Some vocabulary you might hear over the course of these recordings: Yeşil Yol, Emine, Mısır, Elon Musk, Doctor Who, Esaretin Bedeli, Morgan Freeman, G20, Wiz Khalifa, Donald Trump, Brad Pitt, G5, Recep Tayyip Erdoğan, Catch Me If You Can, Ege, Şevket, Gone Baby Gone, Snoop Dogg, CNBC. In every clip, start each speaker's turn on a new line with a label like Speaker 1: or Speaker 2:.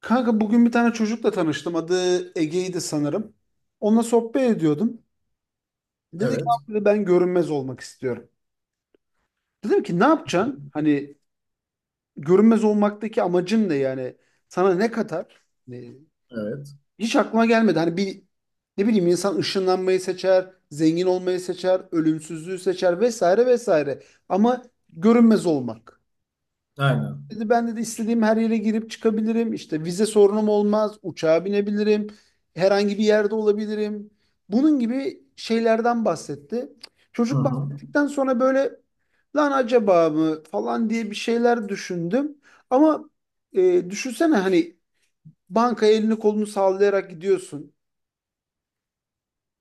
Speaker 1: Kanka bugün bir tane çocukla tanıştım. Adı Ege'ydi sanırım. Onunla sohbet ediyordum. Dedi ki,
Speaker 2: Evet.
Speaker 1: "Abi," dedi, "ben görünmez olmak istiyorum." Dedim ki ne yapacaksın? Hani görünmez olmaktaki amacın ne yani? Sana ne katar? Ne-
Speaker 2: Evet.
Speaker 1: hiç aklıma gelmedi. Hani bir, ne bileyim, insan ışınlanmayı seçer, zengin olmayı seçer, ölümsüzlüğü seçer vesaire vesaire. Ama görünmez olmak.
Speaker 2: Aynen.
Speaker 1: Dedi ben de istediğim her yere girip çıkabilirim. İşte vize sorunum olmaz. Uçağa binebilirim. Herhangi bir yerde olabilirim. Bunun gibi şeylerden bahsetti.
Speaker 2: Hı
Speaker 1: Çocuk
Speaker 2: hı.
Speaker 1: bahsettikten sonra böyle lan acaba mı falan diye bir şeyler düşündüm. Ama düşünsene hani bankaya elini kolunu sallayarak gidiyorsun.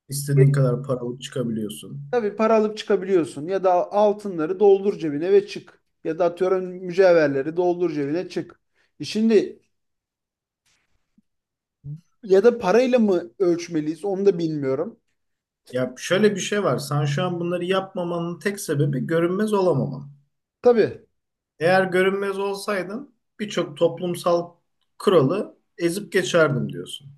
Speaker 2: İstediğin kadar paralık çıkabiliyorsun.
Speaker 1: Tabii para alıp çıkabiliyorsun, ya da altınları doldur cebine ve çık. Ya da atıyorum mücevherleri doldur cebine çık. E şimdi, ya da parayla mı ölçmeliyiz onu da bilmiyorum.
Speaker 2: Ya şöyle bir şey var. Sen şu an bunları yapmamanın tek sebebi görünmez olamaman.
Speaker 1: Tabii.
Speaker 2: Eğer görünmez olsaydın birçok toplumsal kuralı ezip geçerdim diyorsun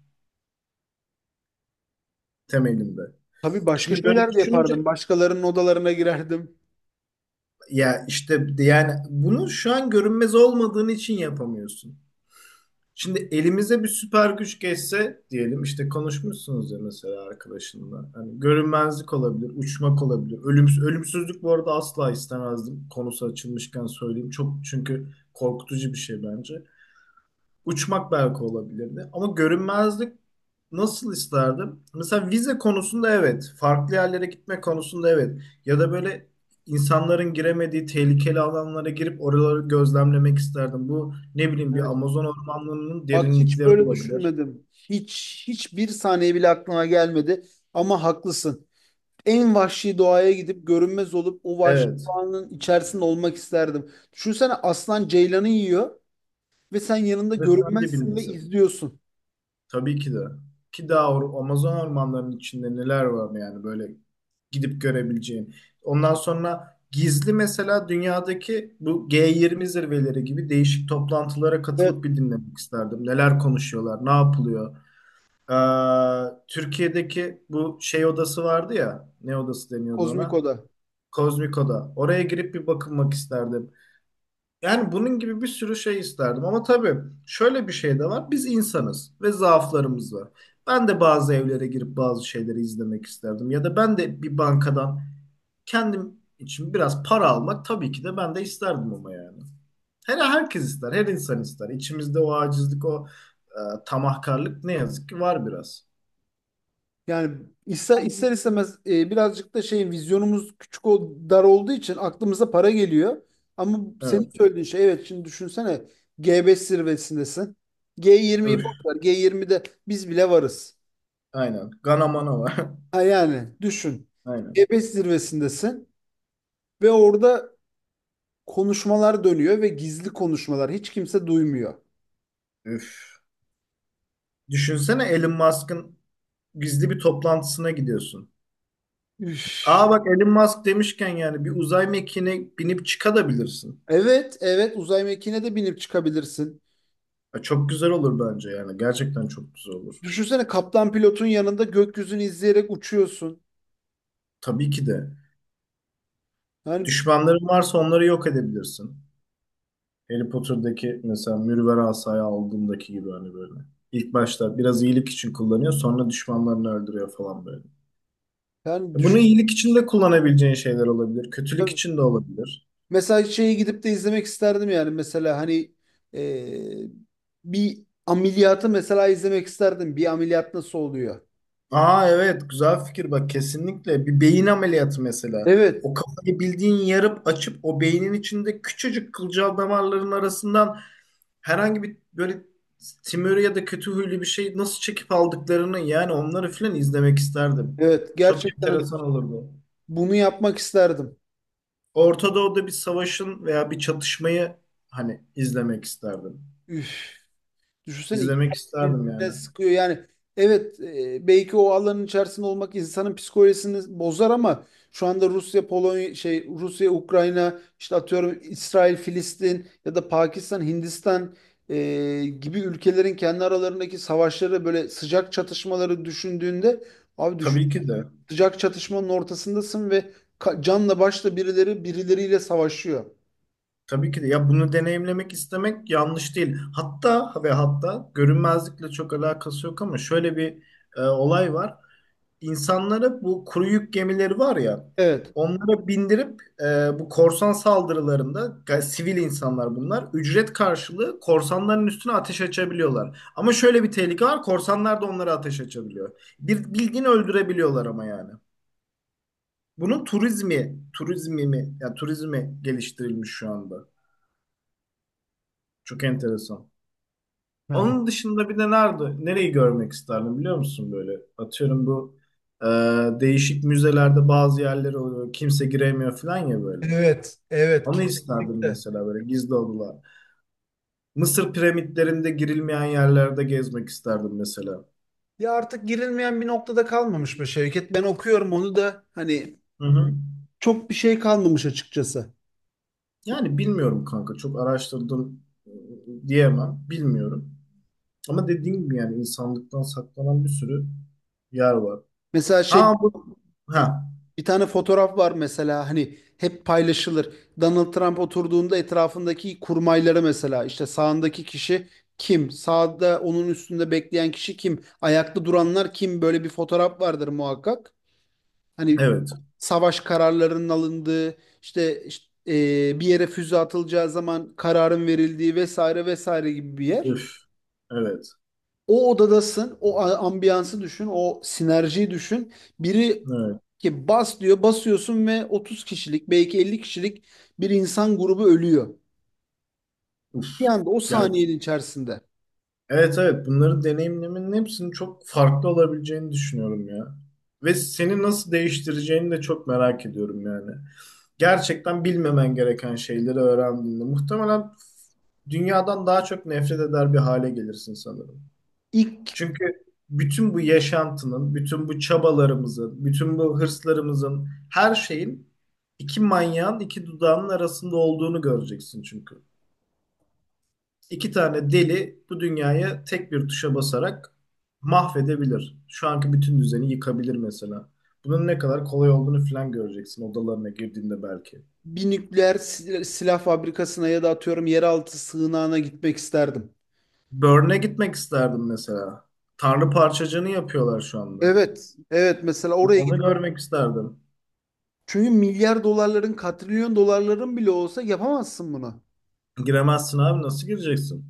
Speaker 2: temelinde.
Speaker 1: Tabii başka
Speaker 2: Şimdi böyle
Speaker 1: şeyler de
Speaker 2: düşününce
Speaker 1: yapardım. Başkalarının odalarına girerdim.
Speaker 2: ya işte yani bunu şu an görünmez olmadığın için yapamıyorsun. Şimdi elimize bir süper güç geçse diyelim işte konuşmuşsunuz ya mesela arkadaşınla. Hani görünmezlik olabilir, uçmak olabilir. Ölümsüz, ölümsüzlük bu arada asla istemezdim. Konusu açılmışken söyleyeyim. Çok çünkü korkutucu bir şey bence. Uçmak belki olabilirdi. Ama görünmezlik nasıl isterdim? Mesela vize konusunda evet. Farklı yerlere gitme konusunda evet. Ya da böyle insanların giremediği tehlikeli alanlara girip oraları gözlemlemek isterdim. Bu ne bileyim bir
Speaker 1: Evet.
Speaker 2: Amazon ormanlarının
Speaker 1: Bak hiç
Speaker 2: derinlikleri
Speaker 1: böyle
Speaker 2: olabilir.
Speaker 1: düşünmedim. Hiçbir saniye bile aklıma gelmedi. Ama haklısın. En vahşi doğaya gidip görünmez olup o vahşi
Speaker 2: Evet.
Speaker 1: doğanın içerisinde olmak isterdim. Düşünsene aslan ceylanı yiyor ve sen yanında
Speaker 2: Ve sen
Speaker 1: görünmezsin ve
Speaker 2: dibindesin.
Speaker 1: izliyorsun.
Speaker 2: Tabii ki de. Ki daha Amazon ormanlarının içinde neler var yani böyle gidip görebileceğin. Ondan sonra gizli mesela dünyadaki bu G20 zirveleri gibi değişik toplantılara
Speaker 1: Evet,
Speaker 2: katılıp bir dinlemek isterdim. Neler konuşuyorlar, ne yapılıyor. Ee, Türkiye'deki bu şey odası vardı ya, ne odası deniyordu
Speaker 1: kozmik
Speaker 2: ona?
Speaker 1: oda.
Speaker 2: Kozmik Oda. Oraya girip bir bakınmak isterdim. Yani bunun gibi bir sürü şey isterdim ama tabii şöyle bir şey de var. Biz insanız ve zaaflarımız var. Ben de bazı evlere girip bazı şeyleri izlemek isterdim. Ya da ben de bir bankadan kendim için biraz para almak tabii ki de ben de isterdim ama yani. Herkes ister, her insan ister. İçimizde o acizlik, o tamahkarlık ne yazık ki var biraz.
Speaker 1: Yani ister, ister istemez birazcık da şey, vizyonumuz küçük, o dar olduğu için aklımıza para geliyor. Ama senin
Speaker 2: Evet.
Speaker 1: söylediğin şey, evet, şimdi düşünsene G5 zirvesindesin.
Speaker 2: Üf.
Speaker 1: G20'yi boş ver. G20'de biz bile varız.
Speaker 2: Aynen. Ganamana var.
Speaker 1: Ha yani düşün.
Speaker 2: Aynen.
Speaker 1: G5 zirvesindesin ve orada konuşmalar dönüyor ve gizli konuşmalar, hiç kimse duymuyor.
Speaker 2: Üf. Düşünsene Elon Musk'ın gizli bir toplantısına gidiyorsun.
Speaker 1: Üf.
Speaker 2: Aa bak Elon Musk demişken yani bir uzay mekiğine binip çıkabilirsin.
Speaker 1: Evet, evet, uzay mekiğine de binip çıkabilirsin.
Speaker 2: Ya çok güzel olur bence yani. Gerçekten çok güzel olur.
Speaker 1: Düşünsene kaptan pilotun yanında gökyüzünü izleyerek uçuyorsun.
Speaker 2: Tabii ki de.
Speaker 1: Yani,
Speaker 2: Düşmanların varsa onları yok edebilirsin. Harry Potter'daki mesela mürver asayı aldığındaki gibi hani böyle. İlk başta biraz iyilik için kullanıyor sonra düşmanlarını öldürüyor falan böyle.
Speaker 1: yani
Speaker 2: E bunu
Speaker 1: düş,
Speaker 2: iyilik için de kullanabileceğin şeyler olabilir. Kötülük için de olabilir.
Speaker 1: mesela şeyi gidip de izlemek isterdim, yani mesela hani e, bir ameliyatı mesela izlemek isterdim. Bir ameliyat nasıl oluyor?
Speaker 2: Aa evet güzel fikir bak, kesinlikle bir beyin ameliyatı mesela.
Speaker 1: Evet,
Speaker 2: O kafayı bildiğin yarıp açıp o beynin içinde küçücük kılcal damarların arasından herhangi bir böyle tümörü ya da kötü huylu bir şey nasıl çekip aldıklarını yani onları filan izlemek isterdim.
Speaker 1: evet,
Speaker 2: Çok
Speaker 1: gerçekten hani
Speaker 2: enteresan olurdu.
Speaker 1: bunu yapmak isterdim.
Speaker 2: Orta Doğu'da bir savaşın veya bir çatışmayı hani izlemek isterdim.
Speaker 1: Üf. Düşünsene iki
Speaker 2: İzlemek isterdim
Speaker 1: birbirine
Speaker 2: yani.
Speaker 1: sıkıyor. Yani evet, belki o alanın içerisinde olmak insanın psikolojisini bozar ama şu anda Rusya Polonya, şey, Rusya Ukrayna, işte atıyorum, İsrail Filistin ya da Pakistan Hindistan gibi ülkelerin kendi aralarındaki savaşları, böyle sıcak çatışmaları düşündüğünde, abi düşün,
Speaker 2: Tabii ki de.
Speaker 1: sıcak çatışmanın ortasındasın ve canla başla birileri birileriyle savaşıyor.
Speaker 2: Tabii ki de ya bunu deneyimlemek istemek yanlış değil. Hatta ve hatta görünmezlikle çok alakası yok ama şöyle bir olay var. İnsanlara bu kuru yük gemileri var ya
Speaker 1: Evet.
Speaker 2: onlara bindirip bu korsan saldırılarında sivil insanlar bunlar ücret karşılığı korsanların üstüne ateş açabiliyorlar. Ama şöyle bir tehlike var, korsanlar da onlara ateş açabiliyor. Bir bildiğini öldürebiliyorlar ama yani. Bunun turizmi, turizmi mi? Ya turizmi geliştirilmiş şu anda. Çok enteresan.
Speaker 1: Yani
Speaker 2: Onun dışında bir de nerede, nereyi görmek isterdim biliyor musun böyle? Atıyorum bu e, değişik müzelerde bazı yerler oluyor. Kimse giremiyor falan ya böyle.
Speaker 1: evet, evet
Speaker 2: Onu isterdim
Speaker 1: kesinlikle.
Speaker 2: mesela, böyle gizli odalar. Mısır piramitlerinde girilmeyen yerlerde gezmek isterdim mesela.
Speaker 1: Ya artık girilmeyen bir noktada kalmamış mı Şevket? Ben okuyorum onu da, hani
Speaker 2: Hı hı.
Speaker 1: çok bir şey kalmamış açıkçası.
Speaker 2: Yani bilmiyorum kanka, çok araştırdım diyemem. Bilmiyorum. Ama dediğim gibi yani insanlıktan saklanan bir sürü yer var.
Speaker 1: Mesela şey,
Speaker 2: Ha bu ha
Speaker 1: bir tane fotoğraf var mesela, hani hep paylaşılır. Donald Trump oturduğunda etrafındaki kurmayları, mesela işte sağındaki kişi kim? Sağda onun üstünde bekleyen kişi kim? Ayakta duranlar kim? Böyle bir fotoğraf vardır muhakkak. Hani
Speaker 2: Evet.
Speaker 1: savaş kararlarının alındığı, işte, işte, bir yere füze atılacağı zaman kararın verildiği vesaire vesaire gibi bir yer.
Speaker 2: Üf. Evet.
Speaker 1: O odadasın, ambiyansı düşün, o sinerjiyi düşün. Biri
Speaker 2: Evet.
Speaker 1: ki bas diyor, basıyorsun ve 30 kişilik, belki 50 kişilik bir insan grubu ölüyor. Bir
Speaker 2: Uf.
Speaker 1: anda, o
Speaker 2: Ya
Speaker 1: saniyenin içerisinde.
Speaker 2: evet evet, bunları deneyimlemenin hepsinin çok farklı olabileceğini düşünüyorum ya. Ve seni nasıl değiştireceğini de çok merak ediyorum yani. Gerçekten bilmemen gereken şeyleri öğrendiğinde muhtemelen dünyadan daha çok nefret eder bir hale gelirsin sanırım.
Speaker 1: İlk
Speaker 2: Çünkü bütün bu yaşantının, bütün bu çabalarımızın, bütün bu hırslarımızın, her şeyin iki manyağın iki dudağının arasında olduğunu göreceksin çünkü. İki tane deli bu dünyayı tek bir tuşa basarak mahvedebilir. Şu anki bütün düzeni yıkabilir mesela. Bunun ne kadar kolay olduğunu falan göreceksin odalarına girdiğinde belki.
Speaker 1: bir nükleer silah fabrikasına ya da atıyorum yeraltı sığınağına gitmek isterdim.
Speaker 2: Burn'e gitmek isterdim mesela. Tanrı parçacığını yapıyorlar şu anda.
Speaker 1: Evet, evet, mesela oraya.
Speaker 2: Onu görmek isterdim.
Speaker 1: Çünkü milyar dolarların, katrilyon dolarların bile olsa yapamazsın bunu.
Speaker 2: Giremezsin abi, nasıl gireceksin?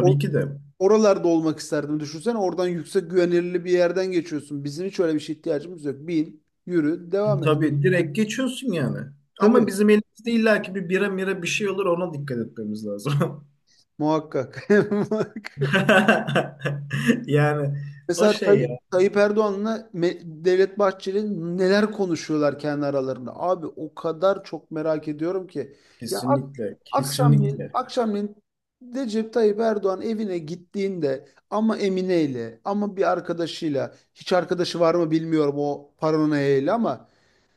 Speaker 1: O,
Speaker 2: ki de.
Speaker 1: oralarda olmak isterdim. Düşünsene oradan yüksek güvenilirli bir yerden geçiyorsun. Bizim hiç öyle bir şeye ihtiyacımız yok. Bin, yürü, devam et.
Speaker 2: Tabii direkt geçiyorsun yani. Ama
Speaker 1: Tabii,
Speaker 2: bizim elimizde illaki bir bira mira bir şey olur, ona dikkat etmemiz lazım.
Speaker 1: muhakkak.
Speaker 2: Yani o
Speaker 1: Mesela
Speaker 2: şey.
Speaker 1: Tayyip Erdoğan'la Devlet Bahçeli neler konuşuyorlar kendi aralarında. Abi o kadar çok merak ediyorum ki. Ya ak
Speaker 2: Kesinlikle,
Speaker 1: Akşamleyin,
Speaker 2: kesinlikle.
Speaker 1: akşamleyin Recep Tayyip Erdoğan evine gittiğinde, ama Emine'yle, ama bir arkadaşıyla, hiç arkadaşı var mı bilmiyorum o paranoyayla, ama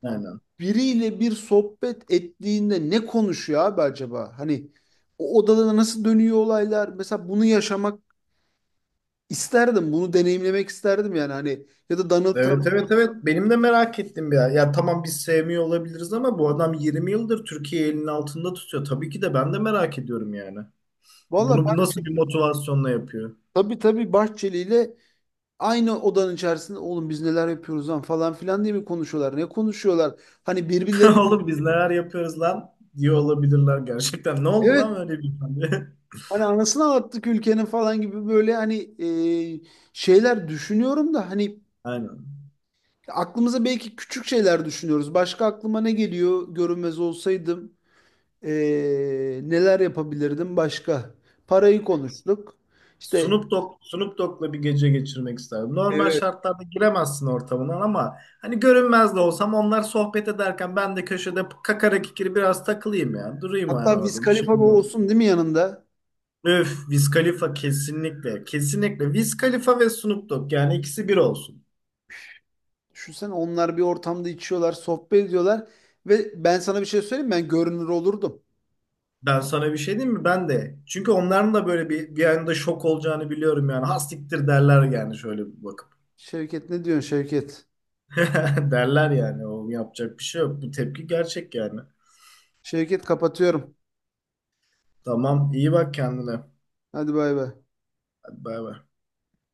Speaker 2: Aynen.
Speaker 1: biriyle bir sohbet ettiğinde ne konuşuyor abi acaba? Hani o odada nasıl dönüyor olaylar? Mesela bunu yaşamak İsterdim bunu deneyimlemek isterdim yani, hani ya da Donald
Speaker 2: Evet,
Speaker 1: Trump.
Speaker 2: evet, evet. Benim de merak ettim ya. Ya tamam biz sevmiyor olabiliriz ama bu adam 20 yıldır Türkiye'yi elinin altında tutuyor. Tabii ki de ben de merak ediyorum yani.
Speaker 1: Valla
Speaker 2: Bunu nasıl
Speaker 1: Bahçeli,
Speaker 2: bir motivasyonla yapıyor?
Speaker 1: tabii Bahçeli ile aynı odanın içerisinde oğlum biz neler yapıyoruz lan falan filan diye mi konuşuyorlar? Ne konuşuyorlar? Hani birbirleri,
Speaker 2: Oğlum biz neler yapıyoruz lan diyor olabilirler gerçekten. Ne oldu lan
Speaker 1: evet
Speaker 2: öyle bir tane?
Speaker 1: hani anasını anlattık ülkenin falan gibi böyle, hani e, şeyler düşünüyorum da, hani
Speaker 2: Aynen.
Speaker 1: aklımıza belki küçük şeyler düşünüyoruz. Başka aklıma ne geliyor? Görünmez olsaydım e, neler yapabilirdim başka? Parayı konuştuk. İşte,
Speaker 2: Snoop Dogg, Snoop Dogg'la bir gece geçirmek isterdim. Normal şartlarda giremezsin ortamından ama hani görünmez de olsam onlar sohbet ederken ben de köşede kakara kikiri biraz takılayım ya. Durayım
Speaker 1: hatta
Speaker 2: yani
Speaker 1: Wiz
Speaker 2: orada, bir şey
Speaker 1: Khalifa bu
Speaker 2: olmaz.
Speaker 1: olsun değil mi yanında?
Speaker 2: Öf, Wiz Khalifa kesinlikle. Kesinlikle. Wiz Khalifa ve Snoop Dogg yani, ikisi bir olsun.
Speaker 1: Düşünsene onlar bir ortamda içiyorlar, sohbet ediyorlar. Ve ben sana bir şey söyleyeyim mi? Ben görünür olurdum.
Speaker 2: Ben sana bir şey diyeyim mi? Ben de. Çünkü onların da böyle bir anda şok olacağını biliyorum yani. Hastiktir derler yani şöyle bir bakıp.
Speaker 1: Şevket, ne diyorsun Şevket?
Speaker 2: Derler yani. O yapacak bir şey yok. Bu tepki gerçek yani.
Speaker 1: Şevket, kapatıyorum.
Speaker 2: Tamam, iyi bak kendine.
Speaker 1: Hadi bay bay.
Speaker 2: Hadi bay bay.